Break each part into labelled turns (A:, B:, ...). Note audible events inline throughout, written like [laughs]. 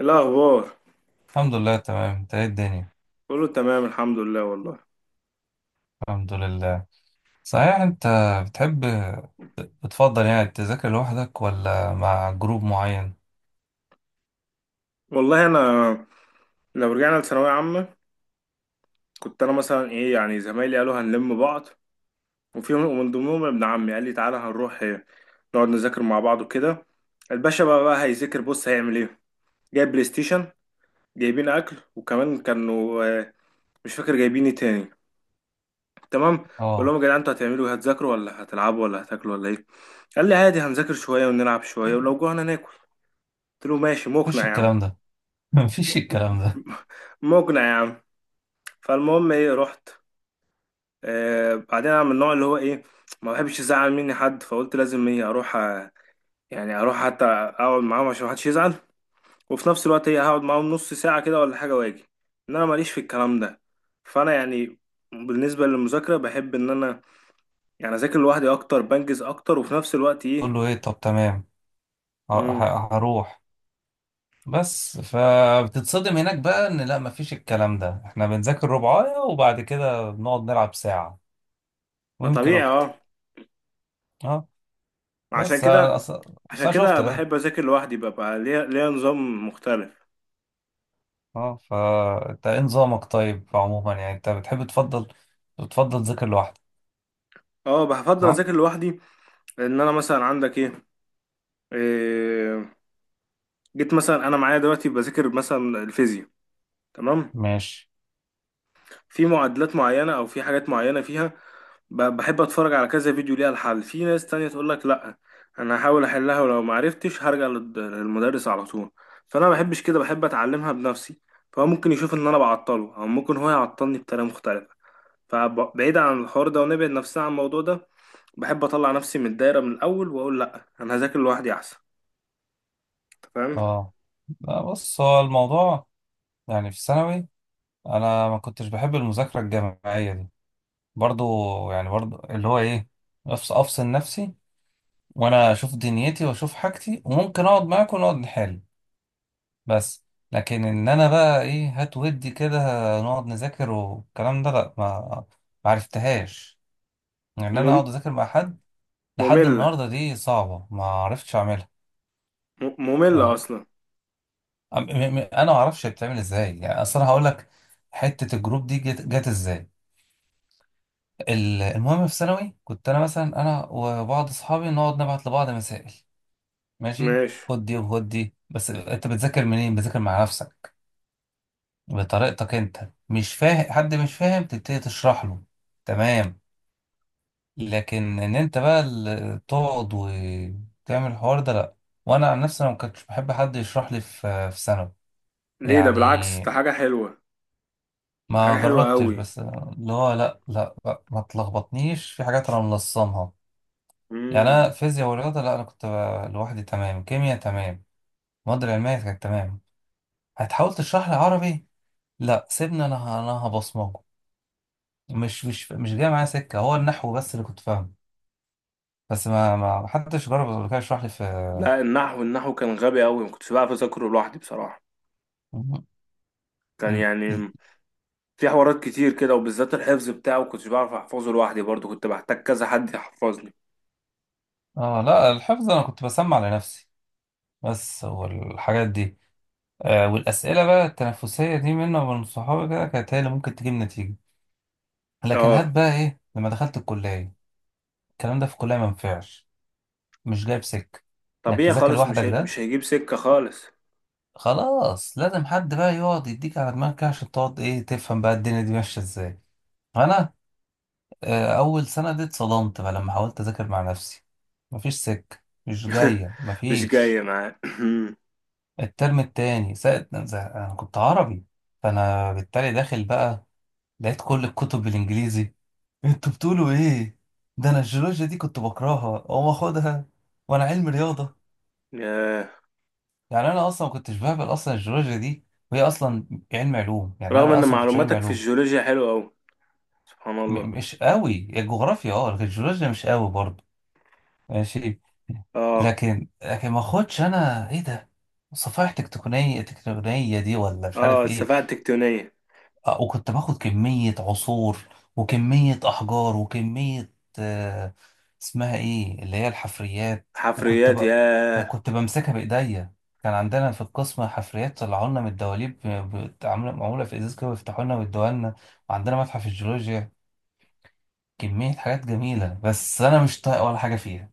A: الأخبار.
B: الحمد لله تمام، انت ايه الدنيا؟
A: كله تمام الحمد لله والله.
B: الحمد لله. صحيح انت بتحب، بتفضل يعني تذاكر لوحدك ولا مع جروب معين؟
A: والله أنا لو رجعنا لثانوية عامة، كنت أنا مثلا إيه يعني زمايلي قالوا هنلم بعض، وفي ومن ضمنهم ابن عمي قال لي تعالى هنروح نقعد نذاكر مع بعض وكده. الباشا بقى هيذاكر، بص هيعمل إيه، جايب بلاي ستيشن، جايبين أكل وكمان كانوا مش فاكر جايبين إيه تاني. تمام. بقول لهم
B: اه.
A: يا جدعان أنتوا هتعملوا إيه، هتذاكروا ولا هتلعبوا ولا هتاكلوا ولا إيه؟ قال لي عادي هنذاكر شوية ونلعب شوية ولو جوعنا ناكل. قلت له ماشي
B: مفيش
A: مقنع يا عم،
B: الكلام ده. [laughs] مفيش الكلام ده.
A: مقنع يا عم. فالمهم ايه رحت. آه بعدين انا من النوع اللي هو ايه، ما بحبش يزعل مني حد، فقلت لازم ايه اروح، يعني اروح حتى اقعد معاهم عشان محدش يزعل، وفي نفس الوقت ايه هقعد معاهم نص ساعة كده ولا حاجة واجي. ان انا ماليش في الكلام ده. فانا يعني بالنسبة للمذاكرة بحب ان انا يعني اذاكر لوحدي، اكتر بنجز اكتر، وفي نفس الوقت ايه.
B: تقول له ايه؟ طب تمام،
A: امم
B: هروح. بس فبتتصدم هناك بقى ان لا مفيش الكلام ده، احنا بنذاكر ربعاية وبعد كده بنقعد نلعب ساعة
A: ما
B: ويمكن
A: طبيعي اه.
B: اكتر. اه.
A: عشان
B: بس انا
A: كده عشان
B: أصل، أنا
A: كده
B: شفت ده.
A: بحب اذاكر لوحدي، ببقى ليا نظام مختلف.
B: اه، فانت ايه نظامك؟ طيب عموما يعني انت بتحب تفضل، بتفضل تذاكر لوحدك؟
A: اه بفضل
B: صح؟
A: اذاكر لوحدي. لان انا مثلا عندك ايه, إيه، جيت مثلا انا معايا دلوقتي بذاكر مثلا الفيزياء. تمام.
B: ماشي.
A: في معادلات معينه او في حاجات معينه فيها، بحب اتفرج على كذا فيديو ليها الحل. في ناس تانية تقول لك لا، انا هحاول احلها ولو ما عرفتش هرجع للمدرس على طول. فانا ما بحبش كده، بحب اتعلمها بنفسي. فهو ممكن يشوف ان انا بعطله، او ممكن هو يعطلني بطريقه مختلفه. فبعيد عن الحوار ده، ونبعد نفسنا عن الموضوع ده، بحب اطلع نفسي من الدايره من الاول واقول لا انا هذاكر لوحدي احسن. فاهم؟
B: اه، لا بص هو الموضوع، يعني في ثانوي انا ما كنتش بحب المذاكرة الجماعية دي برضو، يعني برضو اللي هو ايه، افصل نفسي وانا اشوف دنيتي واشوف حاجتي وممكن اقعد معاكم ونقعد نحل، بس. لكن ان انا بقى ايه، هات ودي كده نقعد نذاكر والكلام ده لا، ما ما عرفتهاش ان يعني انا اقعد
A: مم...
B: اذاكر مع حد. لحد
A: مملة.
B: النهارده دي صعبه، ما عرفتش اعملها.
A: مملة
B: آه،
A: أصلا.
B: انا ما اعرفش بتعمل ازاي يعني اصلا، هقول لك حته الجروب دي جت ازاي. المهم في ثانوي كنت انا مثلا انا وبعض اصحابي نقعد نبعت لبعض مسائل. ماشي،
A: ماشي.
B: خد دي وخد دي، بس انت بتذاكر منين؟ بتذاكر مع نفسك بطريقتك انت، مش فاهم حد مش فاهم تبتدي تشرح له، تمام. لكن ان انت بقى تقعد وتعمل الحوار ده لا. وانا عن نفسي انا ما كنتش بحب حد يشرح لي في ثانوي.
A: ليه؟ ده بالعكس
B: يعني
A: ده حاجة حلوة، ده حاجة
B: ما
A: حلوة
B: جربتش،
A: أوي.
B: بس اللي هو لا لا لا، ما تلخبطنيش في حاجات انا ملصمها. يعني انا
A: مم.
B: فيزياء ورياضه لا انا كنت لوحدي تمام، كيمياء تمام، المواد العلميه كانت تمام. هتحاول تشرح لي عربي؟ لا سيبني انا انا هبصمجه. مش جاي معايا سكه، هو النحو بس اللي كنت فاهمه. بس ما حدش جرب قبل كده يشرح لي في.
A: لا النحو، النحو كان غبي أوي، مكنتش بعرف أذاكره لوحدي بصراحة. كان
B: إن-
A: يعني في حوارات كتير كده، وبالذات الحفظ بتاعه كنتش بعرف أحفظه لوحدي برضه، كنت بحتاج كذا حد يحفظني.
B: اه لا الحفظ انا كنت بسمع لنفسي بس، والحاجات دي. آه، والأسئلة بقى التنافسية دي منه ومن صحابي كده كانت هي اللي ممكن تجيب نتيجة. لكن هات
A: اه
B: بقى إيه لما دخلت الكلية، الكلام ده في الكلية ما ينفعش، مش جايب سكة إنك
A: طبيعي
B: تذاكر
A: خالص،
B: لوحدك ده.
A: مش هيجيب سكة خالص.
B: خلاص لازم حد بقى يقعد يديك على دماغك كده عشان تقعد إيه تفهم بقى الدنيا دي ماشية إزاي. أنا آه أول سنة دي اتصدمت بقى لما حاولت أذاكر مع نفسي، مفيش سكة، مش
A: [laughs]
B: جاية،
A: مش
B: مفيش.
A: جاية معاه.
B: الترم التاني ساعة أنا كنت عربي، فأنا بالتالي داخل بقى، لقيت كل الكتب بالإنجليزي. انتوا بتقولوا ايه؟ ده انا الجيولوجيا دي كنت بكرهها اقوم اخدها، وانا علم رياضه.
A: [clears throat] آه،
B: يعني انا اصلا ما كنتش بهبل اصلا الجيولوجيا دي، وهي اصلا علم علوم، يعني
A: رغم
B: انا
A: إن
B: اصلا ما كنتش علم
A: معلوماتك في
B: علوم.
A: الجيولوجيا حلوة أوي، سبحان الله.
B: مش قوي الجغرافيا، اه لكن الجيولوجيا مش قوي برضه. ماشي.
A: اه.
B: لكن ما اخدش انا ايه ده، صفائح تكتونيه دي ولا مش
A: اه
B: عارف ايه.
A: السفاهة التكتونية.
B: آه، وكنت باخد كمية عصور وكمية أحجار وكمية، آه، اسمها إيه اللي هي الحفريات، وكنت
A: حفريات،
B: بقى
A: ياه.
B: وكنت بمسكها بإيديا. كان عندنا في القسم حفريات طلعوا لنا من الدواليب، عاملة معمولة في إزاز كده ويفتحوا لنا ويدوها لنا. وعندنا متحف الجيولوجيا كمية حاجات جميلة بس أنا مش طايق ولا حاجة فيها.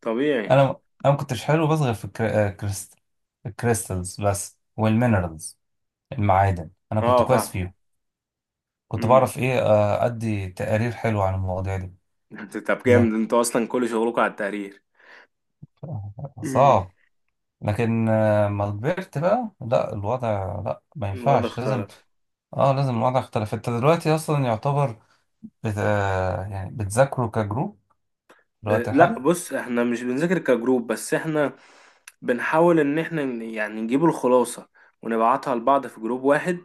A: طبيعي.
B: أنا أنا ما كنتش حلو بس غير في الكريستالز بس والمينرالز، المعادن أنا كنت
A: اه
B: كويس
A: فاهم.
B: فيهم. كنت
A: امم.
B: بعرف ايه، آه، ادي تقارير حلوه عن المواضيع دي.
A: انت طب
B: لك،
A: جامد، انتوا اصلا كل شغلكم على التقرير. امم.
B: صعب. لكن آه، ما كبرت بقى لا الوضع، لا ما
A: الوضع
B: ينفعش لازم.
A: اختلف.
B: اه لازم الوضع اختلف. انت دلوقتي اصلا يعتبر بت... آه، يعني بتذاكروا كجروب الوقت
A: لا
B: الحالي؟
A: بص احنا مش بنذاكر كجروب، بس احنا بنحاول ان احنا يعني نجيب الخلاصة، ونبعتها لبعض في جروب واحد،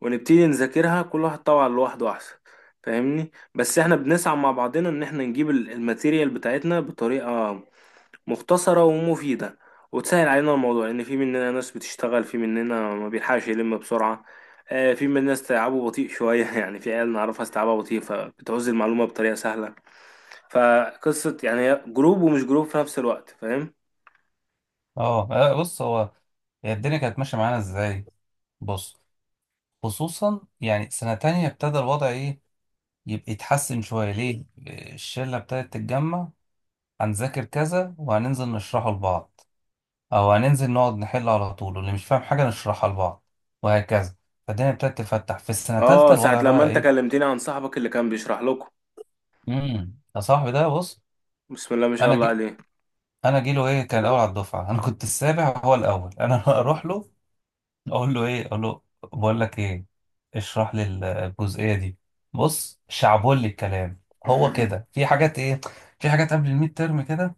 A: ونبتدي نذاكرها كل واحد طبعا لوحده احسن، فاهمني؟ بس احنا بنسعى مع بعضنا ان احنا نجيب الماتيريال بتاعتنا بطريقة مختصرة ومفيدة، وتسهل علينا الموضوع، لأن في مننا ناس بتشتغل، في مننا ما بيلحقش يلم بسرعة. في مننا ناس تعبه بطيء شوية [laughs] يعني في عيال نعرفها استيعابها بطيء، فبتعوز المعلومة بطريقة سهلة. فقصة يعني هي جروب ومش جروب في نفس الوقت، فاهم؟
B: اه، آه، بص هو، هي الدنيا كانت ماشيه معانا ازاي. بص، خصوصا يعني سنه تانية ابتدى الوضع ايه يبقى يتحسن شويه. ليه؟ الشله ابتدت تتجمع، هنذاكر كذا وهننزل نشرحه لبعض، او هننزل نقعد نحل على طول واللي مش فاهم حاجه نشرحها لبعض، وهكذا. فالدنيا ابتدت تفتح في السنه الثالثه
A: اه ساعة
B: الوضع
A: لما
B: بقى
A: انت
B: ايه.
A: كلمتني عن صاحبك اللي كان بيشرح لكم،
B: امم، يا صاحبي ده بص.
A: بسم الله ما شاء
B: انا
A: الله
B: جي،
A: عليه.
B: انا جيله ايه كان الاول على الدفعه، انا كنت السابع هو الاول. انا [laughs]
A: بسم
B: اروح له اقول له ايه، اقول له بقول لك ايه، اشرح لي الجزئيه دي. بص شعبولي الكلام، هو
A: الله.
B: كده في حاجات ايه، في حاجات قبل الميد ترم كده.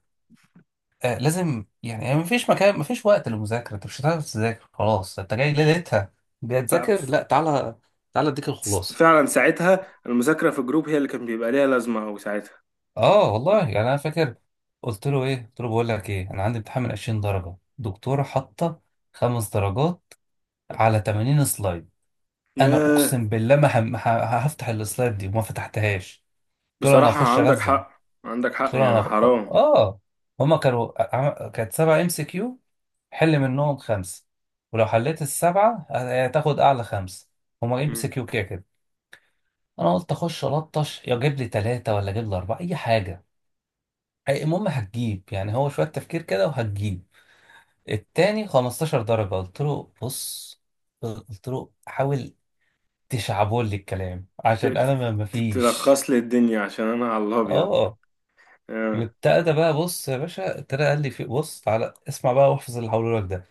B: آه لازم يعني، يعني مفيش مكان مفيش وقت للمذاكرة، انت مش هتعرف تذاكر خلاص، انت جاي ليلتها
A: [laughs]
B: بتذاكر،
A: ف-
B: لا تعالى، تعالى اديك الخلاصة.
A: فعلا ساعتها المذاكرة في الجروب هي اللي كان بيبقى ليها لازمة أوي ساعتها.
B: اه والله يعني انا فاكر قلت له ايه، قلت له بقول لك ايه، انا عندي امتحان من 20 درجة دكتورة حاطة 5 درجات على 80 سلايد. انا
A: ياه.
B: اقسم بالله ما هفتح السلايد دي، وما فتحتهاش. قلت له انا
A: بصراحة
B: هخش
A: عندك
B: ارزع،
A: حق، عندك حق،
B: طلع انا
A: يعني حرام.
B: اه. هما كانوا كانت 7 MCQ، حل منهم 5، ولو حليت الـ7 هتاخد اعلى 5، هما ام سي
A: مم.
B: كيو كده كده. انا قلت اخش الطش يا جيب لي 3 ولا جيب لي 4 اي حاجة. المهم هتجيب يعني، هو شوية تفكير كده وهتجيب. التاني 15 درجة، قلت له بص، قلت له حاول تشعبول لي الكلام
A: ت-
B: عشان
A: ت-
B: انا ما مفيش.
A: تلخص لي الدنيا عشان انا على الابيض.
B: اه.
A: آه.
B: وابتدى بقى، بص يا باشا ابتدى قال لي في، بص تعالى اسمع بقى واحفظ اللي هقوله لك ده.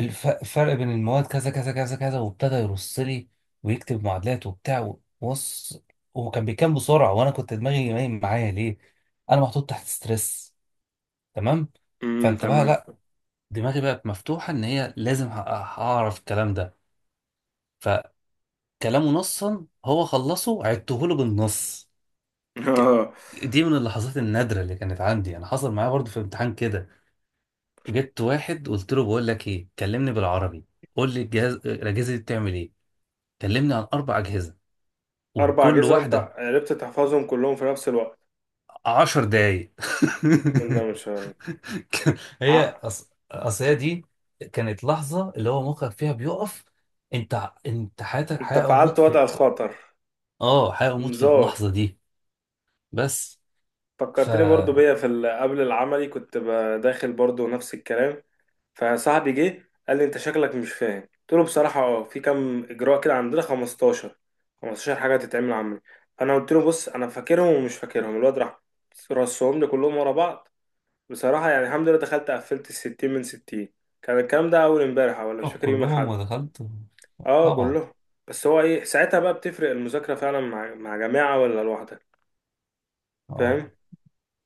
B: الفرق بين المواد كذا كذا كذا كذا، وابتدى يرص لي ويكتب معادلات وبتاع. بص، هو كان بيكام بسرعه وانا كنت دماغي نايم معايا، ليه؟ انا محطوط تحت ستريس، تمام. فانت بقى
A: تمام.
B: لا، دماغي بقت مفتوحه ان هي لازم هعرف الكلام ده. فكلامه نصا هو خلصه عدته له بالنص.
A: [laughs]
B: ك-
A: اه.
B: دي من اللحظات النادره اللي كانت عندي. انا حصل معايا برضه في امتحان كده، جبت واحد قلت له بقول لك ايه، كلمني بالعربي، قول لي الجهاز، الاجهزه دي بتعمل ايه، كلمني عن 4 اجهزه
A: اربع
B: وكل
A: اجهزه وانت
B: واحده،
A: عرفت تحفظهم كلهم في نفس الوقت؟
B: 10 دقايق.
A: ولا مش هن-
B: [laughs]
A: ع...
B: هي أصل هي دي كانت لحظه اللي هو مخك فيها بيقف. انت انت حياتك
A: انت
B: حياه او موت
A: فعلت وضع
B: في.
A: الخطر.
B: اه حياه او موت في
A: انذار.
B: اللحظه دي، بس. ف
A: فكرتني برضو بيا في قبل العملي كنت داخل برضو نفس الكلام. فصاحبي جه قال لي انت شكلك مش فاهم، قلت له بصراحه اه في كام اجراء كده عندنا 15 حاجه تتعمل عملي. فانا قلت له بص انا فاكرهم ومش فاكرهم، الواد راح رصهم لي كلهم ورا بعض. بصراحه يعني الحمد لله دخلت قفلت ال 60 من 60. كان الكلام ده اول امبارح ولا مش فاكر يوم
B: كلهم
A: الاحد.
B: ودخلت؟
A: اه
B: طبعا.
A: كلهم. بس هو ايه ساعتها بقى، بتفرق المذاكره فعلا مع جماعه ولا لوحدك؟ فاهم.
B: اه.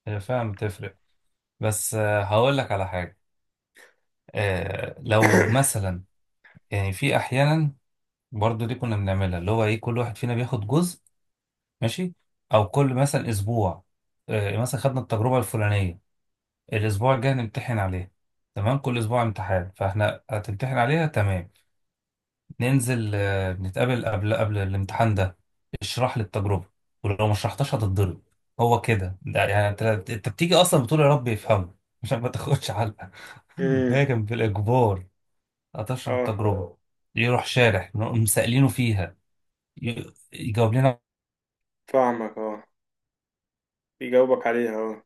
B: هي فعلا بتفرق، بس آه، هقول لك على حاجه، آه، لو
A: [coughs]
B: مثلا يعني في احيانا برضو دي كنا بنعملها، اللي هو ايه كل واحد فينا بياخد جزء، ماشي، او كل مثلا اسبوع آه، مثلا خدنا التجربه الفلانيه الاسبوع الجاي هنمتحن عليها. تمام، كل اسبوع امتحان، فاحنا هتمتحن عليها تمام، ننزل آه، نتقابل قبل الامتحان ده، اشرح لي التجربه، ولو ما شرحتهاش هتتضرب. هو كده، ده يعني انت بتيجي اصلا بتقول يا رب يفهمه عشان ما تاخدش علقه. [laughs]
A: امم.
B: هي كان بالاجبار هتشرح
A: اه
B: التجربه، يروح شارح نقوم سائلينه فيها، يجاوب لنا
A: فاهمك اه، بيجاوبك عليها اه.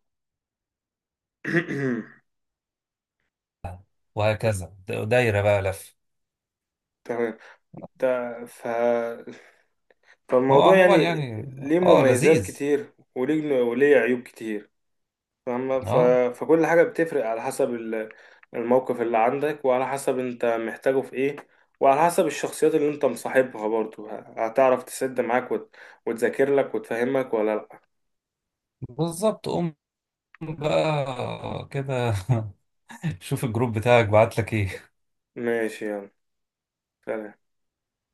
A: [coughs]
B: وهكذا، دايرة بقى لف.
A: تمام. ت- ف...
B: هو
A: فالموضوع
B: عموما
A: يعني
B: يعني
A: ليه
B: اه
A: مميزات
B: لذيذ.
A: كتير، وليه عيوب كتير. فاهمة.
B: اه
A: فكل حاجة بتفرق على حسب الموقف اللي عندك، وعلى حسب انت محتاجه في ايه، وعلى حسب الشخصيات اللي انت مصاحبها برضو، هتعرف تسد معاك وتذاكر لك وتفهمك ولا لا.
B: بالظبط. قوم بقى كده شوف الجروب بتاعك بعت لك ايه.
A: ماشي يلا، سلام.